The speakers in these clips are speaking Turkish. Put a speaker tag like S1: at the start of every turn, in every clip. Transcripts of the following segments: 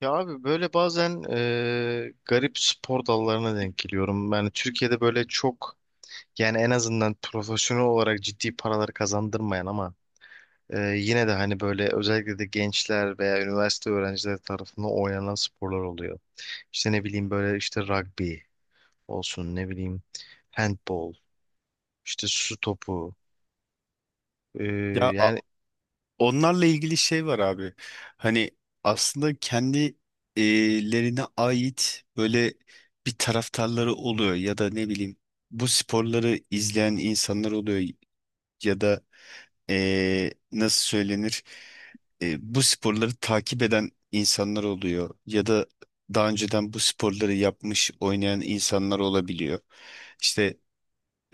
S1: Ya abi böyle bazen garip spor dallarına denk geliyorum. Yani Türkiye'de böyle çok yani en azından profesyonel olarak ciddi paralar kazandırmayan ama yine de hani böyle özellikle de gençler veya üniversite öğrencileri tarafından oynanan sporlar oluyor. İşte ne bileyim böyle işte rugby olsun, ne bileyim handball, işte su topu. e,
S2: Ya
S1: yani
S2: onlarla ilgili şey var abi. Hani aslında kendi lerine ait böyle bir taraftarları oluyor ya da ne bileyim bu sporları izleyen insanlar oluyor ya da nasıl söylenir, bu sporları takip eden insanlar oluyor ya da daha önceden bu sporları yapmış oynayan insanlar olabiliyor. İşte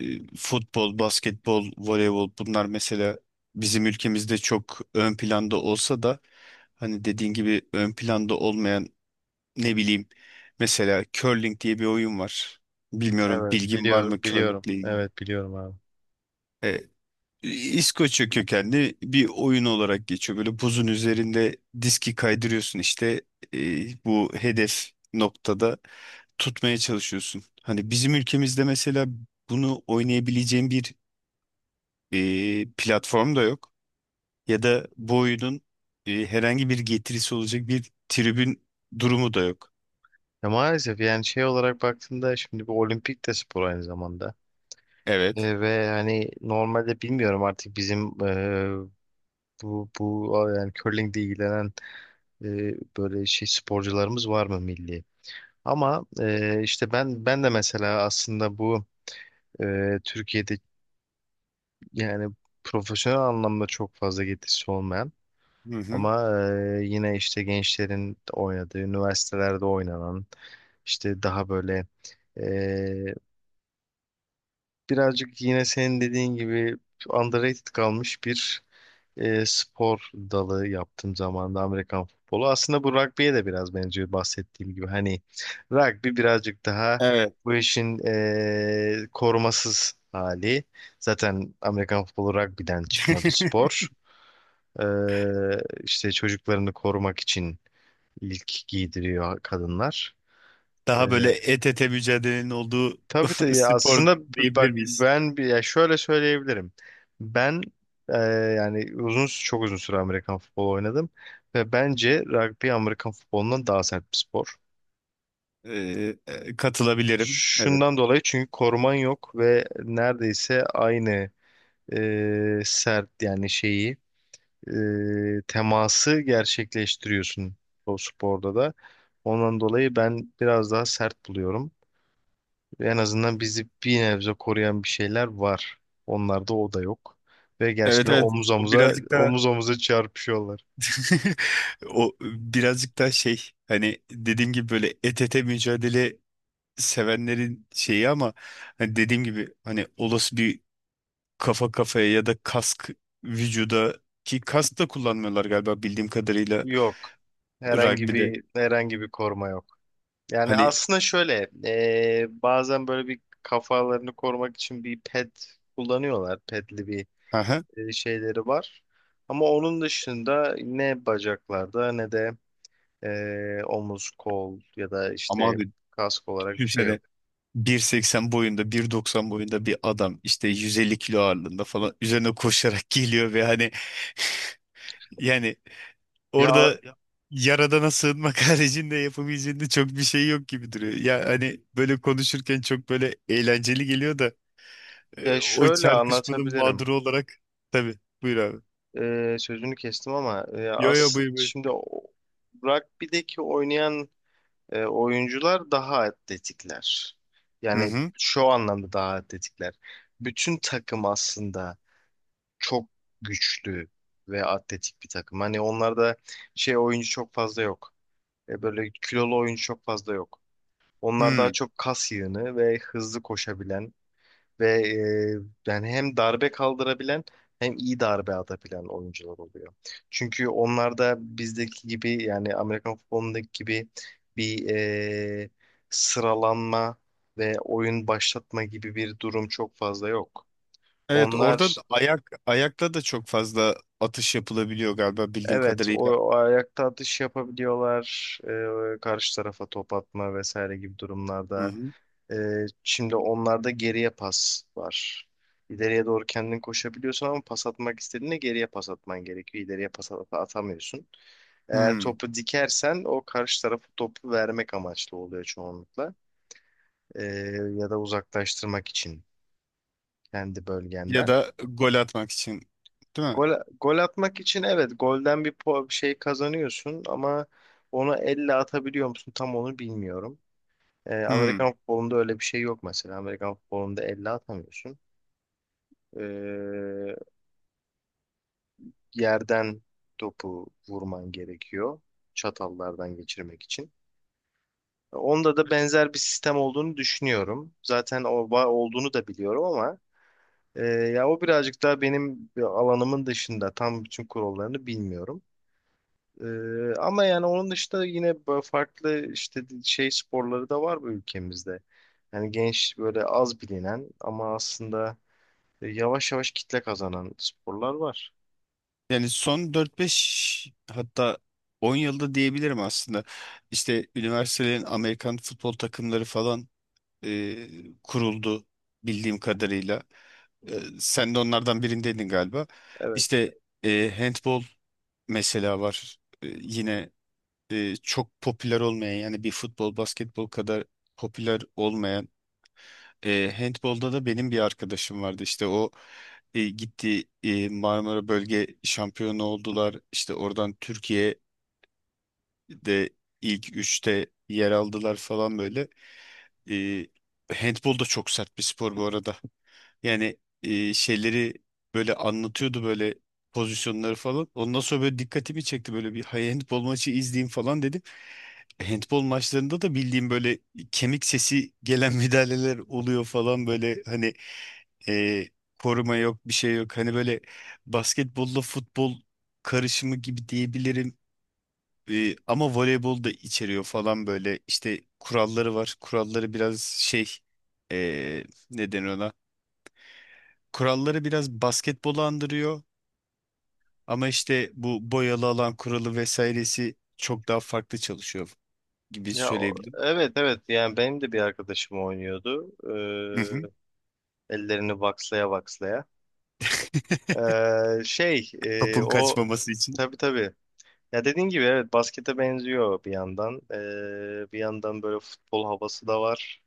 S2: e, futbol, basketbol, voleybol bunlar mesela bizim ülkemizde çok ön planda olsa da, hani dediğin gibi ön planda olmayan, ne bileyim, mesela curling diye bir oyun var. Bilmiyorum,
S1: evet,
S2: bilgin var
S1: biliyorum,
S2: mı
S1: biliyorum,
S2: curlingle ilgili?
S1: evet biliyorum abi.
S2: E, İskoçya kökenli bir oyun olarak geçiyor. Böyle buzun üzerinde diski kaydırıyorsun, işte bu hedef noktada tutmaya çalışıyorsun. Hani bizim ülkemizde mesela bunu oynayabileceğin bir platform da yok. Ya da bu oyunun herhangi bir getirisi olacak bir tribün durumu da yok.
S1: Ya maalesef yani şey olarak baktığında şimdi bu olimpik de spor aynı zamanda.
S2: Evet.
S1: Ve hani normalde bilmiyorum artık bizim bu yani curlingle ilgilenen e, böyle şey sporcularımız var mı milli? Ama işte ben de mesela aslında bu Türkiye'de yani profesyonel anlamda çok fazla getirisi olmayan
S2: Hı hı.
S1: ama yine işte gençlerin oynadığı, üniversitelerde oynanan, işte daha böyle birazcık yine senin dediğin gibi underrated kalmış bir spor dalı yaptığım zamanda Amerikan futbolu. Aslında bu rugby'ye de biraz benziyor bahsettiğim gibi. Hani rugby birazcık daha
S2: Evet.
S1: bu işin korumasız hali. Zaten Amerikan futbolu rugby'den çıkma bir spor. E, işte çocuklarını korumak için ilk giydiriyor kadınlar. E,
S2: Daha böyle et ete mücadelenin olduğu
S1: Tabii tabii ya,
S2: spor
S1: aslında bak
S2: diyebilir miyiz?
S1: ben bir, ya şöyle söyleyebilirim. Ben e, yani uzun, çok uzun süre Amerikan futbolu oynadım ve bence rugby Amerikan futbolundan daha sert bir spor.
S2: Katılabilirim. Evet.
S1: Şundan dolayı, çünkü koruman yok ve neredeyse aynı sert yani şeyi, teması gerçekleştiriyorsun o sporda da. Ondan dolayı ben biraz daha sert buluyorum. Ve en azından bizi bir nebze koruyan bir şeyler var. Onlarda o da yok. Ve
S2: Evet,
S1: gerçekten
S2: evet.
S1: omuz
S2: O
S1: omuza,
S2: birazcık daha
S1: omuz omuza çarpışıyorlar.
S2: o birazcık daha şey, hani dediğim gibi, böyle et ete mücadele sevenlerin şeyi, ama hani dediğim gibi, hani olası bir kafa kafaya ya da kask vücuda, ki kask da kullanmıyorlar galiba bildiğim kadarıyla
S1: Yok.
S2: Rugby'de.
S1: Herhangi
S2: rugby'de.
S1: bir herhangi bir koruma yok. Yani
S2: Hani,
S1: aslında şöyle bazen böyle bir kafalarını korumak için bir pet kullanıyorlar. Petli bir
S2: aha,
S1: şeyleri var. Ama onun dışında ne bacaklarda ne de omuz, kol ya da
S2: ama
S1: işte
S2: abi,
S1: kask olarak bir şey yok.
S2: düşünsene, 1,80 boyunda, 1,90 boyunda bir adam, işte 150 kilo ağırlığında falan, üzerine koşarak geliyor ve hani, yani,
S1: Ya,
S2: orada yaradana sığınmak haricinde yapabileceğinde çok bir şey yok gibi duruyor. Ya hani böyle konuşurken çok böyle eğlenceli geliyor da,
S1: ya
S2: o
S1: şöyle
S2: çarpışmanın
S1: anlatabilirim.
S2: mağduru olarak. Tabii, buyur abi.
S1: Sözünü kestim ama
S2: Yo yo,
S1: aslında
S2: buyur buyur.
S1: şimdi rugby'deki oynayan oyuncular daha atletikler.
S2: Hı
S1: Yani
S2: hı.
S1: şu anlamda daha atletikler. Bütün takım aslında çok güçlü ve atletik bir takım. Hani onlarda şey oyuncu çok fazla yok. Böyle kilolu oyuncu çok fazla yok. Onlar
S2: Hmm.
S1: daha çok kas yığını ve hızlı koşabilen ve yani hem darbe kaldırabilen hem iyi darbe atabilen oyuncular oluyor. Çünkü onlar da bizdeki gibi, yani Amerikan futbolundaki gibi bir sıralanma ve oyun başlatma gibi bir durum çok fazla yok.
S2: Evet, orada
S1: Onlar,
S2: da ayakla da çok fazla atış yapılabiliyor galiba bildiğim
S1: evet,
S2: kadarıyla.
S1: o ayakta atış yapabiliyorlar karşı tarafa top atma vesaire gibi
S2: Hı
S1: durumlarda.
S2: hı.
S1: Şimdi onlarda geriye pas var. İleriye doğru kendin koşabiliyorsun ama pas atmak istediğinde geriye pas atman gerekiyor. İleriye pas atamıyorsun. Eğer
S2: Hmm.
S1: topu dikersen, o karşı tarafı topu vermek amaçlı oluyor çoğunlukla. Ee, Ya da uzaklaştırmak için kendi
S2: Ya
S1: bölgenden.
S2: da gol atmak için, değil mi?
S1: Gol, gol atmak için, evet, golden bir şey kazanıyorsun ama onu elle atabiliyor musun tam onu bilmiyorum.
S2: Hmm.
S1: Amerikan futbolunda öyle bir şey yok mesela. Amerikan futbolunda elle atamıyorsun. Ee, Yerden topu vurman gerekiyor çatallardan geçirmek için. Onda da benzer bir sistem olduğunu düşünüyorum. Zaten olduğunu da biliyorum ama ya o birazcık daha benim alanımın dışında, tam bütün kurallarını bilmiyorum. Ama yani onun dışında yine böyle farklı işte şey sporları da var bu ülkemizde. Yani genç, böyle az bilinen ama aslında yavaş yavaş kitle kazanan sporlar var.
S2: Yani son dört beş, hatta 10 yılda diyebilirim aslında. İşte üniversitelerin Amerikan futbol takımları falan e, kuruldu bildiğim kadarıyla. E, sen de onlardan birindeydin galiba.
S1: Evet.
S2: İşte handball mesela var. Yine çok popüler olmayan, yani bir futbol basketbol kadar popüler olmayan. Handbolda da benim bir arkadaşım vardı, işte o gitti, Marmara Bölge şampiyonu oldular, işte oradan Türkiye'de ilk üçte yer aldılar falan böyle. E, handbol da çok sert bir spor bu arada, yani şeyleri böyle anlatıyordu, böyle pozisyonları falan. Ondan sonra böyle dikkatimi çekti, böyle bir "Hay, handbol maçı izleyeyim" falan dedim. Handbol maçlarında da bildiğim böyle kemik sesi gelen müdahaleler oluyor falan, böyle hani, e, koruma yok, bir şey yok. Hani böyle basketbolla futbol karışımı gibi diyebilirim. Ama voleybol da içeriyor falan, böyle işte kuralları var. Kuralları biraz şey, e, ne denir ona? Kuralları biraz basketbolu andırıyor, ama işte bu boyalı alan kuralı vesairesi çok daha farklı çalışıyor gibi
S1: Ya
S2: söyleyebilirim.
S1: evet, evet, yani benim de bir arkadaşım oynuyordu.
S2: Hı hı.
S1: Ee, Ellerini vakslaya vakslaya. Şey e,
S2: Topun
S1: o
S2: kaçmaması için.
S1: Tabii, tabii. Ya dediğin gibi, evet, baskete benziyor bir yandan. Bir yandan böyle futbol havası da var.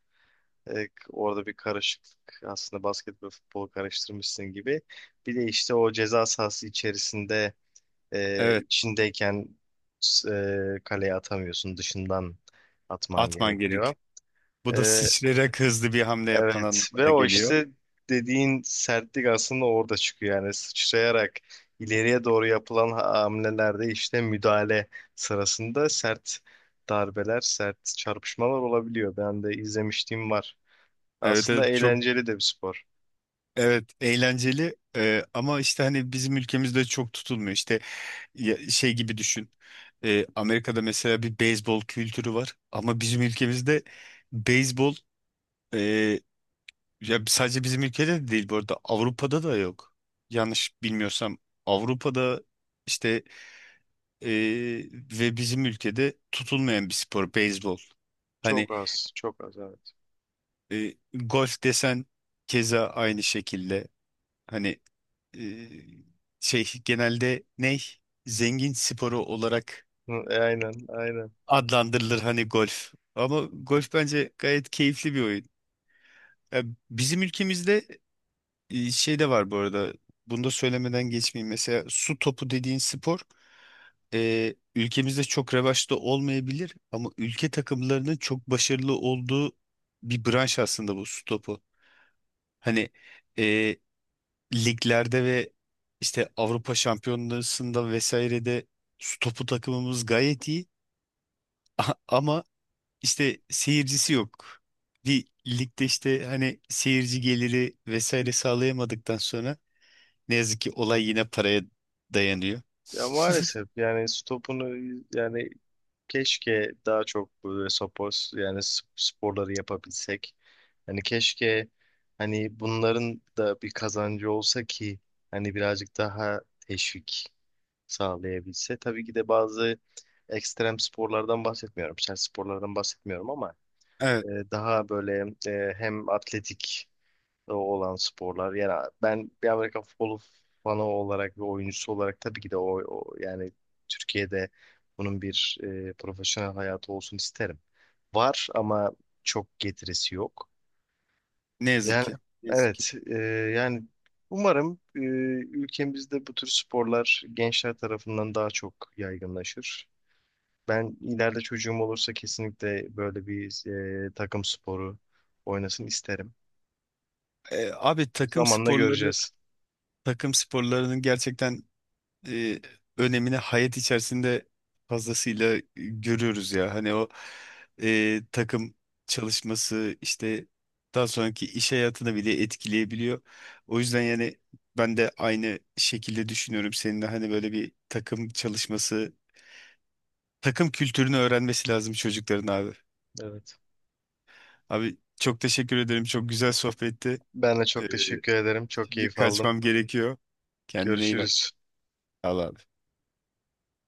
S1: Orada bir karışıklık, aslında basket ve futbolu karıştırmışsın gibi. Bir de işte o ceza sahası içerisinde,
S2: Evet,
S1: içindeyken kaleye atamıyorsun, dışından atman
S2: atman
S1: gerekiyor.
S2: gerek. Bu da
S1: Ee,
S2: sıçrayarak hızlı bir hamle yapman
S1: Evet, ve
S2: anlamına
S1: o
S2: geliyor.
S1: işte dediğin sertlik aslında orada çıkıyor. Yani sıçrayarak ileriye doğru yapılan hamlelerde, işte müdahale sırasında sert darbeler, sert çarpışmalar olabiliyor. Ben de izlemişliğim var.
S2: Evet, evet,
S1: Aslında
S2: çok.
S1: eğlenceli de bir spor.
S2: Evet, eğlenceli. Ama işte hani bizim ülkemizde çok tutulmuyor. İşte şey gibi düşün. Amerika'da mesela bir beyzbol kültürü var ama bizim ülkemizde beyzbol, e, ya sadece bizim ülkede de değil bu arada, Avrupa'da da yok. Yanlış bilmiyorsam Avrupa'da, işte. Ee, ve bizim ülkede tutulmayan bir spor beyzbol. Hani
S1: Çok az, çok az, evet.
S2: golf desen keza aynı şekilde, hani e, şey, genelde ne, zengin sporu olarak
S1: Aynen, aynen.
S2: adlandırılır hani golf. Ama golf bence gayet keyifli bir oyun. Ya bizim ülkemizde şey de var bu arada. Bunu da söylemeden geçmeyeyim. Mesela su topu dediğin spor ülkemizde çok revaçta olmayabilir, ama ülke takımlarının çok başarılı olduğu bir branş aslında bu su topu. Hani e, liglerde ve işte Avrupa Şampiyonası'nda vesairede su topu takımımız gayet iyi, ama işte seyircisi yok. Bir ligde işte hani seyirci geliri vesaire sağlayamadıktan sonra, ne yazık ki olay yine paraya dayanıyor.
S1: Ya maalesef yani stopunu, yani keşke daha çok böyle spor, yani sporları yapabilsek. Hani keşke, hani bunların da bir kazancı olsa ki hani birazcık daha teşvik sağlayabilse. Tabii ki de bazı ekstrem sporlardan bahsetmiyorum, sert sporlardan bahsetmiyorum ama
S2: Evet.
S1: daha böyle hem atletik olan sporlar. Yani ben bir Amerika futbolu fanı olarak ve oyuncusu olarak tabii ki de yani Türkiye'de bunun bir profesyonel hayatı olsun isterim. Var ama çok getirisi yok.
S2: Ne yazık
S1: Yani
S2: ki. Ne yazık ki.
S1: evet, yani umarım ülkemizde bu tür sporlar gençler tarafından daha çok yaygınlaşır. Ben ileride çocuğum olursa kesinlikle böyle bir takım sporu oynasın isterim.
S2: Abi, takım
S1: Zamanla
S2: sporları
S1: göreceğiz.
S2: takım sporlarının gerçekten e, önemini hayat içerisinde fazlasıyla görüyoruz ya. Hani o takım çalışması işte daha sonraki iş hayatını bile etkileyebiliyor. O yüzden yani ben de aynı şekilde düşünüyorum seninle. Hani böyle bir takım çalışması, takım kültürünü öğrenmesi lazım çocukların abi.
S1: Evet.
S2: Abi, çok teşekkür ederim. Çok güzel sohbetti.
S1: Ben de
S2: Ee,
S1: çok teşekkür ederim. Çok
S2: Şimdi
S1: keyif aldım.
S2: kaçmam gerekiyor. Kendine iyi bak.
S1: Görüşürüz.
S2: Allah.